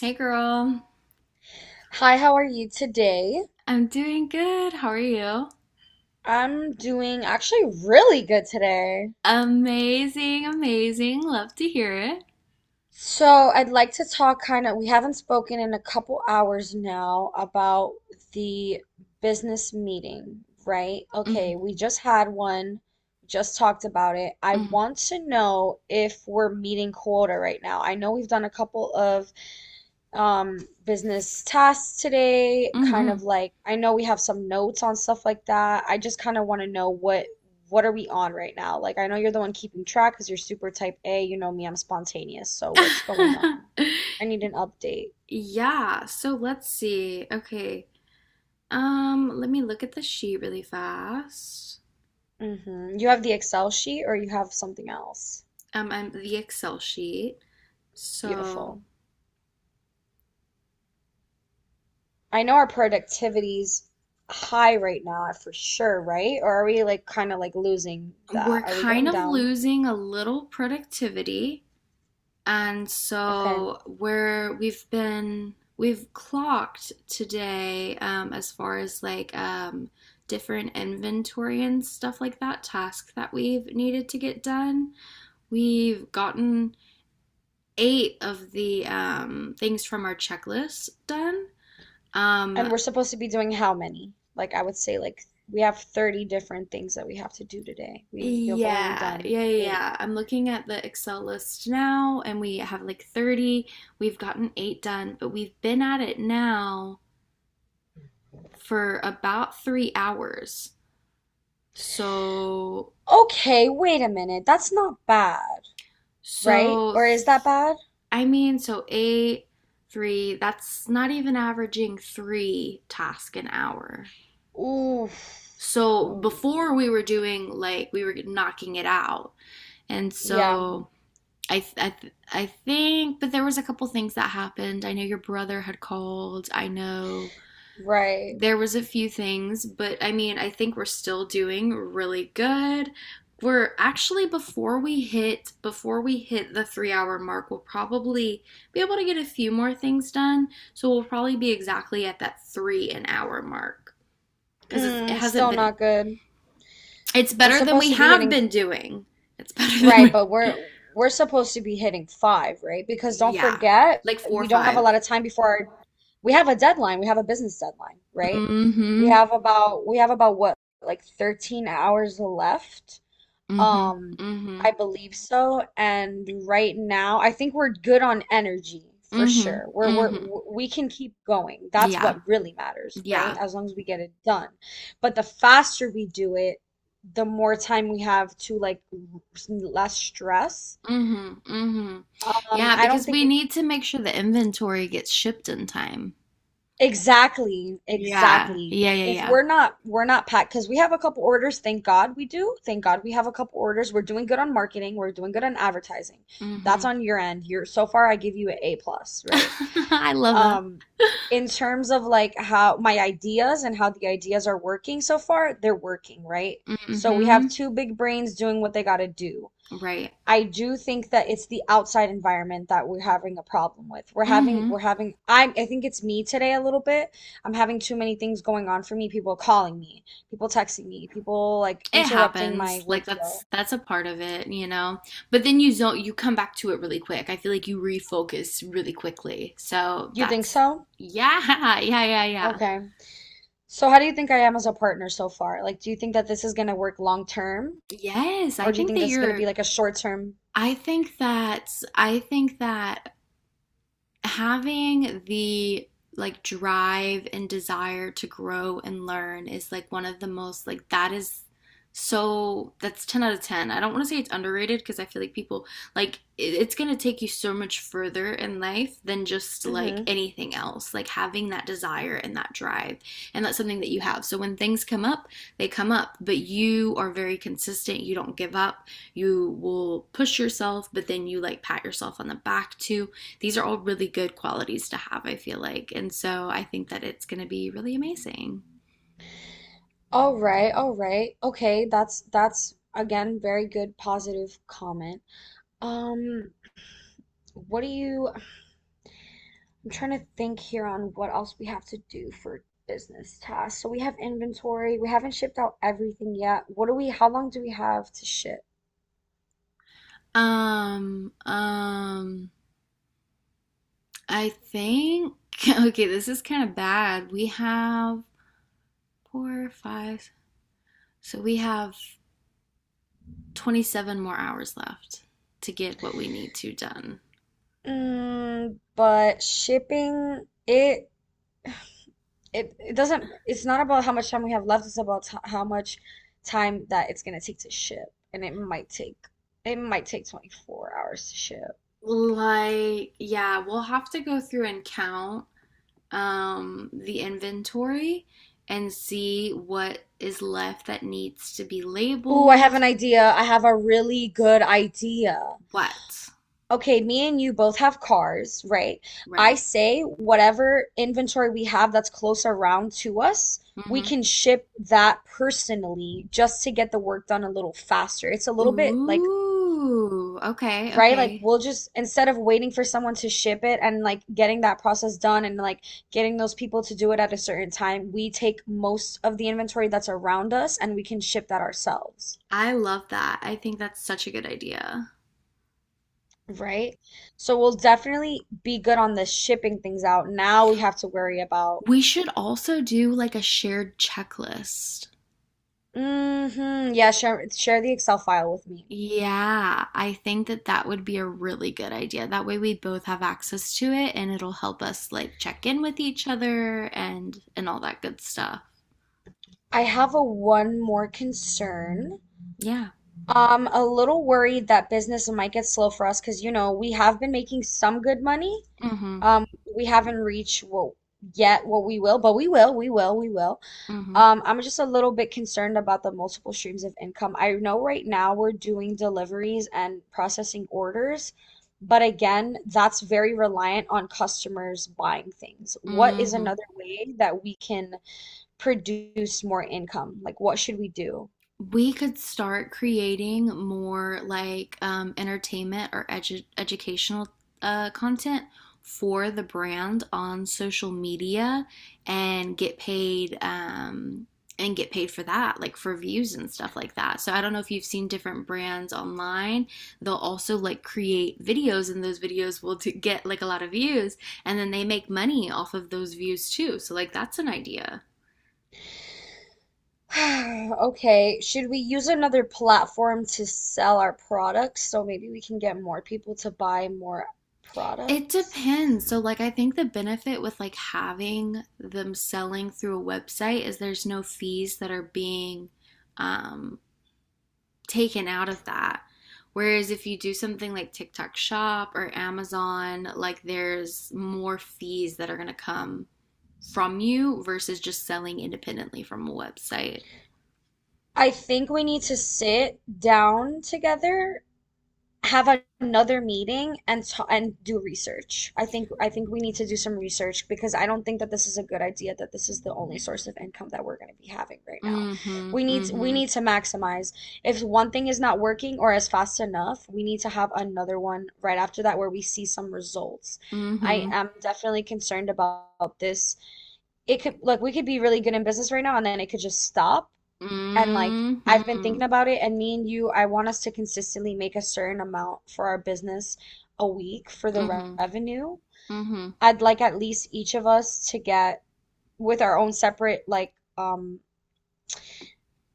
Hey girl, Hi, how are you today? I'm doing good. How are you? I'm doing actually really good today. Amazing, amazing. Love to hear it. So, I'd like to talk kind of, we haven't spoken in a couple hours now about the business meeting, right? Mhm, Okay, we just had one, just talked about it. I want to know if we're meeting quota right now. I know we've done a couple of um business tasks today, mhm, kind of mhm. like, I know we have some notes on stuff like that. I just kind of want to know what are we on right now. Like, I know you're the one keeping track because you're super type A. You know me, I'm spontaneous, so what's going on? I need an update. Yeah, so let's see. Okay. Let me look at the sheet really fast. You have the Excel sheet or you have something else? And the Excel sheet. So Beautiful. I know our productivity's high right now for sure, right? Or are we like kind of like losing that? we're Are we kind going of down? losing a little productivity. And Okay. so we've been we've clocked today, as far as like different inventory and stuff like that. Tasks that we've needed to get done, we've gotten 8 of the things from our checklist done. And um, we're supposed to be doing how many? Like, I would say, like, we have 30 different things that we have to do today. We have only yeah, done yeah, yeah, eight. yeah. I'm looking at the Excel list now, and we have like 30. We've gotten 8 done, but we've been at it now for about 3 hours. So, Okay, wait a minute. That's not bad, right? so, Or is that bad? I mean, so 8, 3, that's not even averaging 3 tasks an hour. Ooh. So before Ooh. we were doing like, we were knocking it out. And Yeah, so I think, but there was a couple things that happened. I know your brother had called. I know right. there was a few things, but I mean, I think we're still doing really good. We're actually before we hit the 3-hour mark, we'll probably be able to get a few more things done. So we'll probably be exactly at that 3 an hour mark, cuz it Mm, hasn't still been not good. it's We're better than supposed we to be have hitting. been doing. It's better than Right, we. but we're supposed to be hitting five, right? Because don't Yeah. forget, Like 4 or we don't have a 5. lot of time, we have a deadline. We have a business deadline, right? We Mhm. have about we have about what, like, 13 hours left? Mhm. Um, Mhm. I believe so. And right now, I think we're good on energy for Mhm. sure. We're we're Mhm. we can keep going. That's Yeah. what really matters, right? Yeah. As long as we get it done. But the faster we do it, the more time we have to, like, less stress. Mhm. Mhm. Yeah, I don't because think. we need to make sure the inventory gets shipped in time. Exactly, Yeah, exactly. yeah, yeah, If yeah. we're not packed because we have a couple orders, thank God we do. Thank God we have a couple orders. We're doing good on marketing, we're doing good on advertising. That's Mm-hmm. on your end. You're so far I give you an A plus, right? I love that. Um, in terms of like how my ideas and how the ideas are working so far, they're working, right? So we Mm-hmm. have two big brains doing what they gotta do. Right. I do think that it's the outside environment that we're having a problem with. We're having, Mm-hmm. we're having, I think it's me today a little bit. I'm having too many things going on for me. People calling me, people texting me, people like It interrupting my happens. Like workflow. that's a part of it, you know. But then you zone, you come back to it really quick. I feel like you refocus really quickly. So You think that's, so? yeah, yeah, yeah, yeah. Okay. So how do you think I am as a partner so far? Like, do you think that this is going to work long term? Yes, I Or do you think think that this is going to be you're, like a short term? I think that I think that having the like drive and desire to grow and learn is like one of the most, like, that is, so that's 10 out of 10. I don't want to say it's underrated because I feel like people, like, it's going to take you so much further in life than just like Mm-hmm. anything else, like having that desire and that drive, and that's something that you have. So when things come up, they come up, but you are very consistent. You don't give up. You will push yourself, but then you like pat yourself on the back too. These are all really good qualities to have, I feel like. And so I think that it's going to be really amazing. All right, all right. Okay, that's again very good positive comment. Um, what do you, I'm trying to think here on what else we have to do for business tasks. So we have inventory. We haven't shipped out everything yet. How long do we have to ship? Um, um, I think, okay, this is kind of bad. We have four, five, so we have 27 more hours left to get what we need to done. Mm, but shipping it, it it doesn't it's not about how much time we have left, it's about t how much time that it's gonna take to ship. And it might take 24 hours to ship. Like, yeah, we'll have to go through and count the inventory and see what is left that needs to be Ooh, I have labeled. an idea. I have a really good idea. What? Okay, me and you both have cars, right? I Right. say whatever inventory we have that's close around to us, we Mm-hmm. can ship that personally just to get the work done a little faster. It's a little bit like, Ooh, okay, right? Like, okay. we'll just, instead of waiting for someone to ship it and like getting that process done and like getting those people to do it at a certain time, we take most of the inventory that's around us and we can ship that ourselves, I love that. I think that's such a good idea. right? So we'll definitely be good on the shipping things out. Now we have to worry about. We should also do like a shared checklist. Yeah, share the Excel file with me. Yeah, I think that that would be a really good idea. That way we both have access to it and it'll help us like check in with each other and all that good stuff. I have a one more concern. Yeah. A little worried that business might get slow for us because, we have been making some good money. Mm-hmm. Um, we haven't reached what yet what we will, but we will, we will, we will. Mm-hmm. I'm just a little bit concerned about the multiple streams of income. I know right now we're doing deliveries and processing orders, but again, that's very reliant on customers buying things. What is Mm-hmm. another way that we can produce more income? Like, what should we do? We could start creating more like entertainment or edu educational content for the brand on social media and get paid, and get paid for that, like for views and stuff like that. So I don't know if you've seen different brands online. They'll also like create videos, and those videos will get like a lot of views, and then they make money off of those views too. So like that's an idea. Okay, should we use another platform to sell our products so maybe we can get more people to buy more It products? depends. So, like, I think the benefit with like having them selling through a website is there's no fees that are being um, taken out of that. Whereas if you do something like TikTok Shop or Amazon, like there's more fees that are going to come from you versus just selling independently from a website. I think we need to sit down together, have another meeting and ta and do research. I think we need to do some research because I don't think that this is a good idea that this is the only source of income that we're going to be having right now. Mm-hmm. We need we Mm-hmm. need to maximize. If one thing is not working or is fast enough, we need to have another one right after that where we see some results. I Mm-hmm. am definitely concerned about this. It could look, we could be really good in business right now and then it could just stop, and like Mm-hmm. I've been Mm-hmm. thinking about it, and me and you, I want us to consistently make a certain amount for our business a week for the Mm-hmm. revenue. Mm-hmm. I'd like at least each of us to get with our own separate, like, um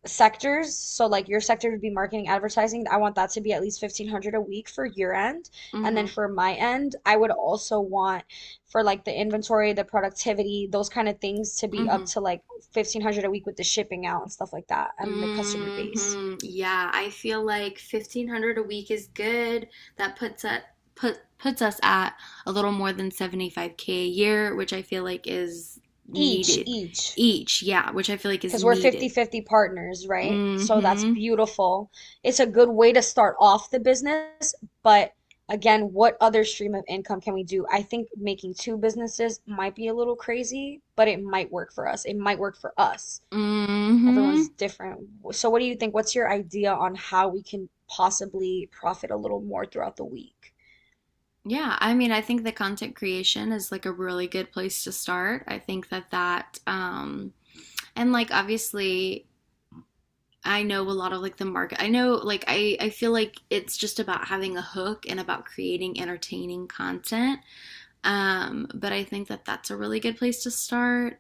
sectors. So like your sector would be marketing, advertising. I want that to be at least 1500 a week for your end. And then for my end, I would also want for like the inventory, the productivity, those kind of things to be up Mm-hmm. to like 1500 a week with the shipping out and stuff like that and the customer base. Hmm. Yeah, I feel like 1500 a week is good. That puts us, puts us at a little more than 75K a year, which I feel like is needed, Each, each. Yeah, which I feel like is because we're needed. 50-50 partners, right? So that's Mm-hmm. beautiful. It's a good way to start off the business, but again, what other stream of income can we do? I think making two businesses might be a little crazy, but it might work for us. It might work for us. Mm-hmm. Everyone's different. So what do you think? What's your idea on how we can possibly profit a little more throughout the week? Yeah, I mean, I think the content creation is like a really good place to start. I think that um, and like obviously I know a lot of like the market. I know like I feel like it's just about having a hook and about creating entertaining content. But I think that that's a really good place to start.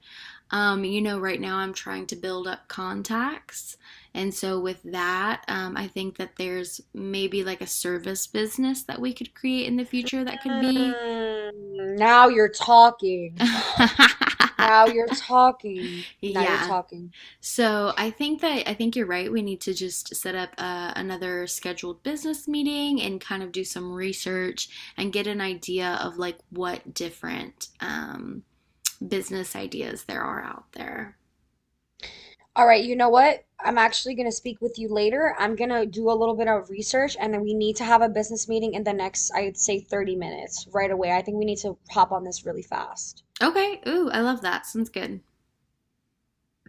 You know, right now I'm trying to build up contacts. And so, with that, I think that there's maybe like a service business that we could create in the future that could be. Mm, now you're talking. Now you're talking. Now you're Yeah, talking. so I think that, I think you're right. We need to just set up another scheduled business meeting and kind of do some research and get an idea of like what different business ideas there are out there. All right, you know what? I'm actually going to speak with you later. I'm going to do a little bit of research and then we need to have a business meeting in the next, I'd say, 30 minutes right away. I think we need to hop on this really fast. Okay. Ooh, I love that. Sounds good.